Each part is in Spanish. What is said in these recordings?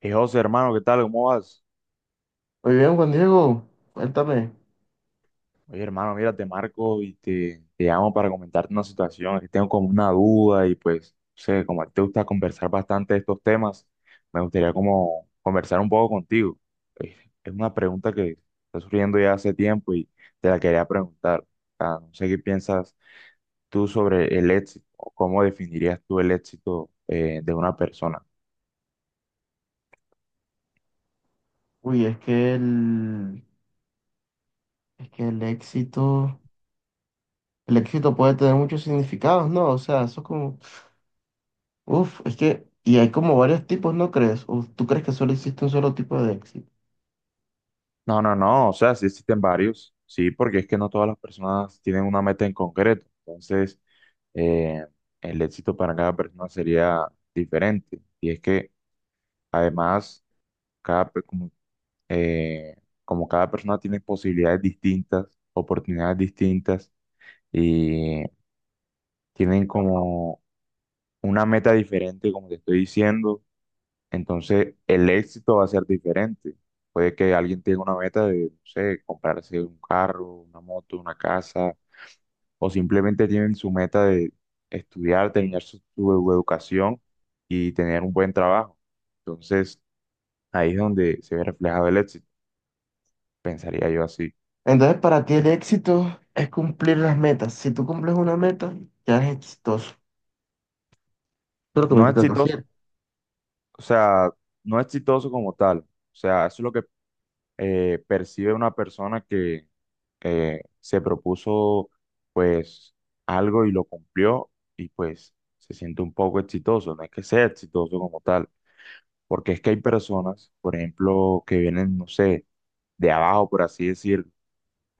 Hey, José, hermano, ¿qué tal? ¿Cómo vas? Muy bien, Juan Diego, cuéntame. Oye, hermano, mira, te marco y te llamo para comentarte una situación, que tengo como una duda y pues, no sé, como a ti te gusta conversar bastante de estos temas, me gustaría como conversar un poco contigo. Eh, Es una pregunta que está surgiendo ya hace tiempo y te la quería preguntar. No sé qué piensas tú sobre el éxito o cómo definirías tú el éxito de una persona. Uy, es que el éxito puede tener muchos significados, ¿no? O sea, eso es como, es que, y hay como varios tipos, ¿no crees? ¿O tú crees que solo existe un solo tipo de éxito? No, no, no, o sea, sí existen varios, sí, porque es que no todas las personas tienen una meta en concreto, entonces eh, el éxito para cada persona sería diferente, y es que además, cada, pe- como, eh, como cada persona tiene posibilidades distintas, oportunidades distintas, y tienen como una meta diferente, como te estoy diciendo, entonces el éxito va a ser diferente. Puede que alguien tenga una meta de, no sé, comprarse un carro, una moto, una casa, o simplemente tienen su meta de estudiar, terminar su educación y tener un buen trabajo. Entonces, ahí es donde se ve reflejado el éxito, pensaría yo así. Entonces, para ti el éxito es cumplir las metas. Si tú cumples una meta, ya eres exitoso. Eso es lo que me No intentas exitoso, decir. o sea, no exitoso como tal. O sea, eso es lo que percibe una persona que se propuso pues algo y lo cumplió y pues se siente un poco exitoso. No es que sea exitoso como tal, porque es que hay personas, por ejemplo, que vienen, no sé, de abajo, por así decir,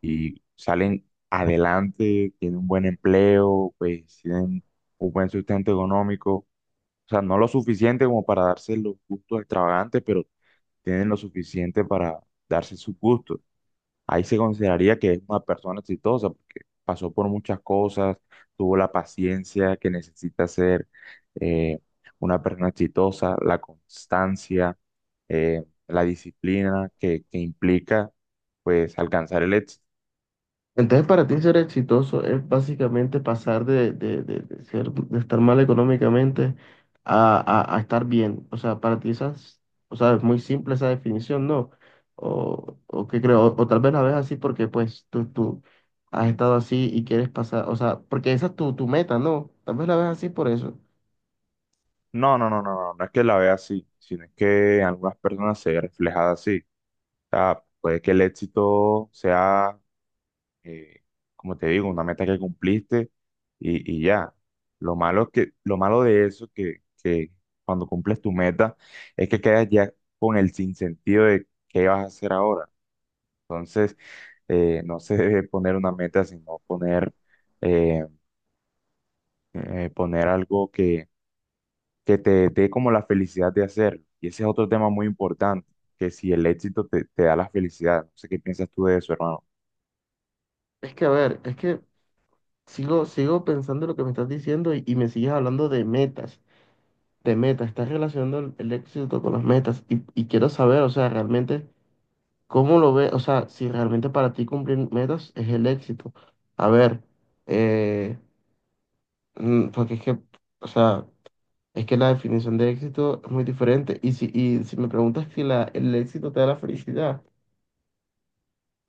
y salen adelante, tienen un buen empleo, pues tienen un buen sustento económico. O sea, no lo suficiente como para darse los gustos extravagantes, pero tienen lo suficiente para darse sus gustos. Ahí se consideraría que es una persona exitosa porque pasó por muchas cosas, tuvo la paciencia que necesita ser eh, una persona exitosa, la constancia, la disciplina que implica pues alcanzar el éxito. Entonces, para ti ser exitoso es básicamente pasar de estar mal económicamente a estar bien. O sea, o sea, es muy simple esa definición, ¿no? O qué creo, o tal vez la ves así porque pues tú has estado así y quieres pasar, o sea, porque esa es tu meta, ¿no? Tal vez la ves así por eso. No, no, no, no, no, no es que la vea así, sino es que en algunas personas se ve reflejada así. O sea, puede que el éxito sea eh, como te digo, una meta que cumpliste y ya. Lo malo es que, lo malo de eso que cuando cumples tu meta es que quedas ya con el sinsentido de qué vas a hacer ahora. Entonces, no se debe poner una meta, sino poner, eh, poner algo que te dé como la felicidad de hacerlo. Y ese es otro tema muy importante, que si el éxito te da la felicidad. No sé qué piensas tú de eso, hermano. Es que, a ver, es que sigo pensando lo que me estás diciendo y me sigues hablando de metas. De metas, estás relacionando el éxito con las metas y quiero saber, o sea, realmente, ¿cómo lo ves? O sea, si realmente para ti cumplir metas es el éxito. A ver, eh, porque es que, o sea, es que la definición de éxito es muy diferente y si me preguntas si el éxito te da la felicidad,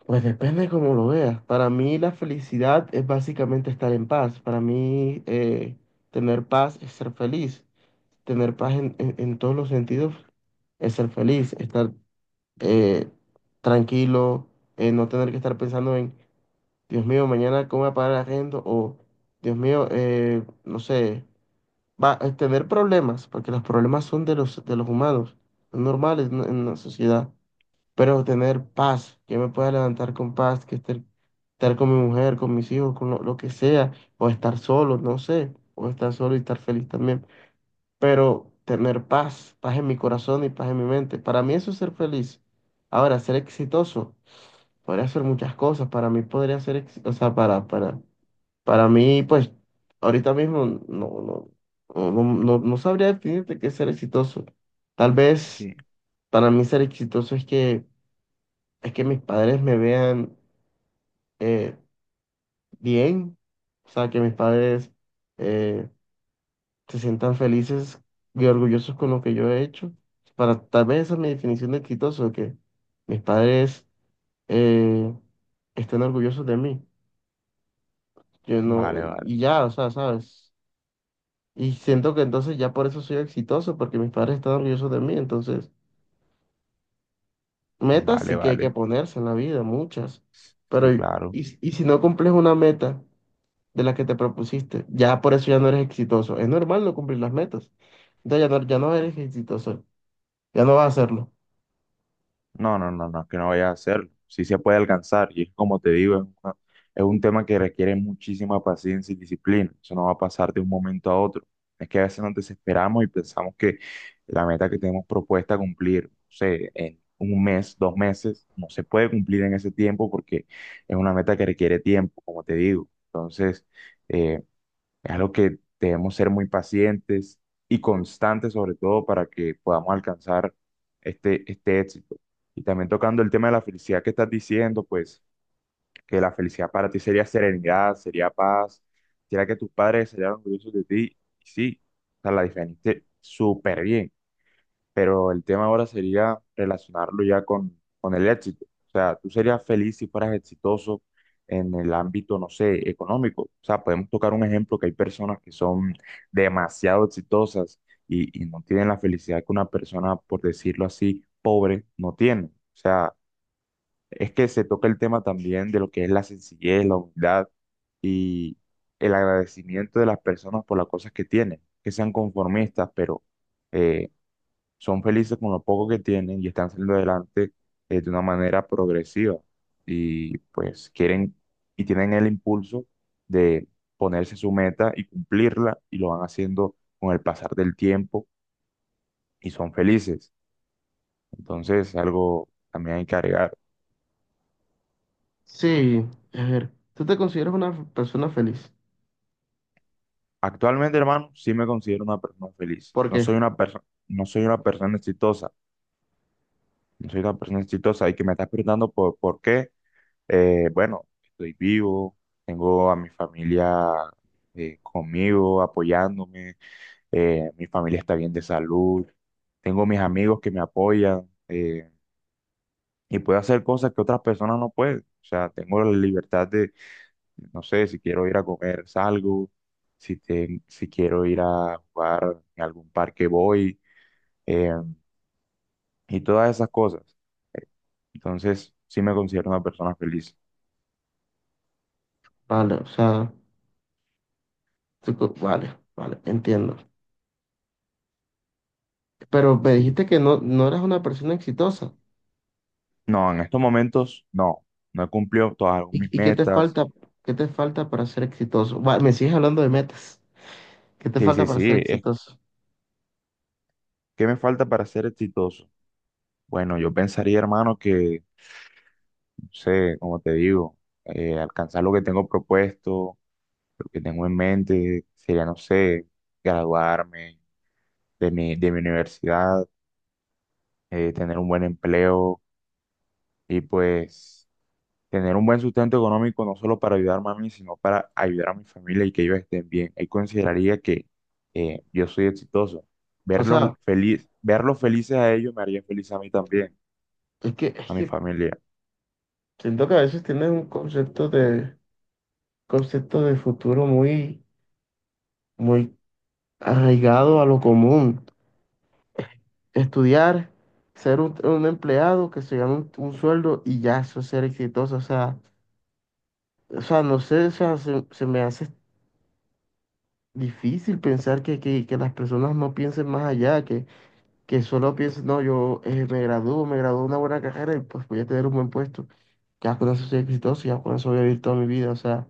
pues depende de cómo lo veas. Para mí la felicidad es básicamente estar en paz. Para mí tener paz es ser feliz. Tener paz en todos los sentidos es ser feliz, estar eh, tranquilo, no tener que estar pensando en Dios mío, mañana cómo voy a pagar el arriendo, o Dios mío, no sé, va a tener problemas, porque los problemas son de los humanos, son normales en la sociedad, pero tener paz, que me pueda levantar con paz, que estar con mi mujer, con mis hijos, con lo que sea, o estar solo, no sé, o estar solo y estar feliz también, pero tener paz, paz en mi corazón y paz en mi mente. Para mí eso es ser feliz. Ahora, ser exitoso podría ser muchas cosas. Para mí podría ser, o sea, para mí, pues, ahorita mismo no sabría definirte qué es ser exitoso. Tal vez Sí, para mí ser exitoso es que mis padres me vean eh, bien. O sea, que mis padres eh, se sientan felices y orgullosos con lo que yo he hecho. Tal vez esa es mi definición de exitoso, que mis padres eh, estén orgullosos de mí. Yo no, vale, vale, y ya, o sea, ¿sabes? Y siento que entonces ya por eso soy exitoso, porque mis padres están orgullosos de mí. Entonces, metas vale, sí que hay que vale. ponerse en la vida, muchas. Sí, Pero, y, claro. y y si no cumples una meta de la que te propusiste, ya por eso ya no eres exitoso. Es normal no cumplir las metas. Entonces ya no eres exitoso, ya no vas a hacerlo. No, no, no, no, es que no vaya a hacerlo. Sí se puede alcanzar y es como te digo, es un tema que requiere muchísima paciencia y disciplina. Eso no va a pasar de un momento a otro. Es que a veces nos desesperamos y pensamos que la meta que tenemos propuesta cumplir, no sé, en un mes, dos meses, no se puede cumplir en ese tiempo porque es una meta que requiere tiempo, como te digo. Entonces, eh, es algo que debemos ser muy pacientes y constantes, sobre todo, para que podamos alcanzar este éxito. Y también tocando el tema de la felicidad que estás diciendo, pues que la felicidad para ti sería serenidad, sería paz, sería que tus padres serían orgullosos de ti. Y sí, o sea, la definiste súper bien, pero el tema ahora sería relacionarlo ya con el éxito. O sea, tú serías feliz si fueras exitoso en el ámbito, no sé, económico. O sea, podemos tocar un ejemplo que hay personas que son demasiado exitosas y no tienen la felicidad que una persona, por decirlo así, pobre no tiene. O sea, es que se toca el tema también de lo que es la sencillez, la humildad y el agradecimiento de las personas por las cosas que tienen, que sean conformistas, pero eh, son felices con lo poco que tienen y están saliendo adelante de una manera progresiva. Y pues quieren y tienen el impulso de ponerse su meta y cumplirla y lo van haciendo con el pasar del tiempo y son felices. Entonces, algo también hay que agregar. Sí, a ver, ¿tú te consideras una persona feliz? Actualmente, hermano, sí me considero una persona feliz. ¿Por qué? No soy una persona exitosa. No soy una persona exitosa y que me estás preguntando por qué. Bueno, estoy vivo, tengo a mi familia conmigo, apoyándome, mi familia está bien de salud, tengo mis amigos que me apoyan, y puedo hacer cosas que otras personas no pueden. O sea, tengo la libertad de, no sé, si quiero ir a comer, salgo, si quiero ir a jugar en algún parque, voy, eh, y todas esas cosas. Entonces, sí me considero una persona feliz. Vale, o sea, vale, vale, entiendo. Pero me Sí. dijiste que no eras una persona exitosa. No, en estos momentos no, no he cumplido todas ¿Y, mis metas. Qué te falta para ser exitoso? Va, me sigues hablando de metas. ¿Qué te Sí, sí, falta para ser exitoso? ¿Qué me falta para ser exitoso? Bueno, yo pensaría, hermano, que, no sé, como te digo, alcanzar lo que tengo propuesto, lo que tengo en mente, sería, no sé, graduarme de mi universidad, tener un buen empleo y pues tener un buen sustento económico no solo para ayudarme a mí, sino para ayudar a mi familia y que ellos estén bien. Ahí consideraría que yo soy exitoso. O Verlos sea, feliz, verlos felices a ellos me haría feliz a mí también, es que, es a mi que familia. siento que a veces tienes un concepto de, futuro muy, muy arraigado a lo común. Estudiar, ser un empleado que se gane un sueldo y ya eso es ser exitoso. o sea, no sé, o sea, se me hace difícil pensar que, que las personas no piensen más allá, que, solo piensen, no, yo me gradúo de una buena carrera y pues voy a tener un buen puesto. Ya con eso soy exitoso, ya con eso voy a vivir toda mi vida. O sea,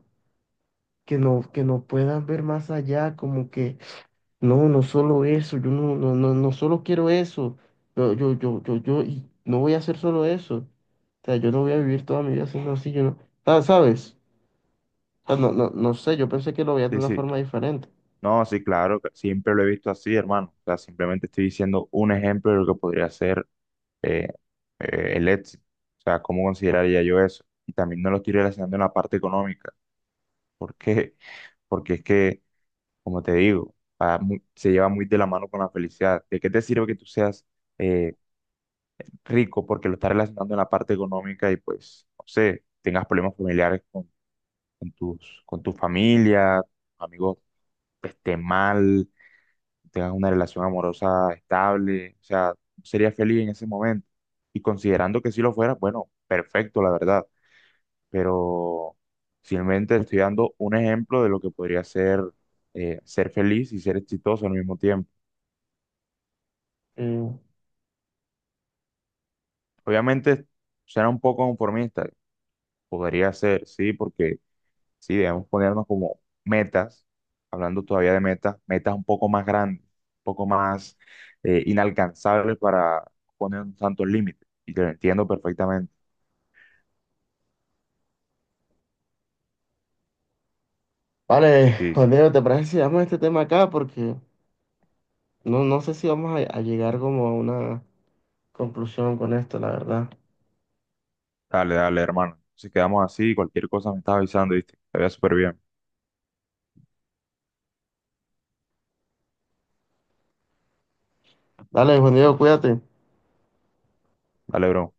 que no puedan ver más allá, como que no, no solo eso. Yo no solo quiero eso, yo y no voy a hacer solo eso. O sea, yo no voy a vivir toda mi vida haciendo así, yo no, ¿sabes? Ah, no, no, no sé, yo pensé que lo veía de Sí, una sí. forma diferente. No, sí, claro, que siempre lo he visto así, hermano. O sea, simplemente estoy diciendo un ejemplo de lo que podría ser eh, el éxito. O sea, ¿cómo consideraría yo eso? Y también no lo estoy relacionando en la parte económica. ¿Por qué? Porque es que como te digo, se lleva muy de la mano con la felicidad. ¿De qué te sirve que tú seas eh, rico porque lo estás relacionando en la parte económica y pues, no sé, tengas problemas familiares con, con tu familia, amigos estén mal, tengas una relación amorosa estable, o sea, serías feliz en ese momento. Y considerando que si lo fueras, bueno, perfecto, la verdad, pero simplemente estoy dando un ejemplo de lo que podría ser ser feliz y ser exitoso al mismo tiempo. Eh, Obviamente suena un poco conformista, podría ser, sí, porque sí, debemos ponernos como metas, hablando todavía de metas, metas un poco más grandes, un poco más inalcanzables para poner tantos límites. Y te lo entiendo perfectamente. vale, Sí, Juan sí. Diego, ¿te parece si damos este tema acá? Porque no, no sé si vamos a llegar como a una conclusión con esto, la verdad. Dale, dale, hermano. Si quedamos así, cualquier cosa me estás avisando, ¿viste? Te veo súper bien. Dale, Juan Diego, cuídate. Dale, bro.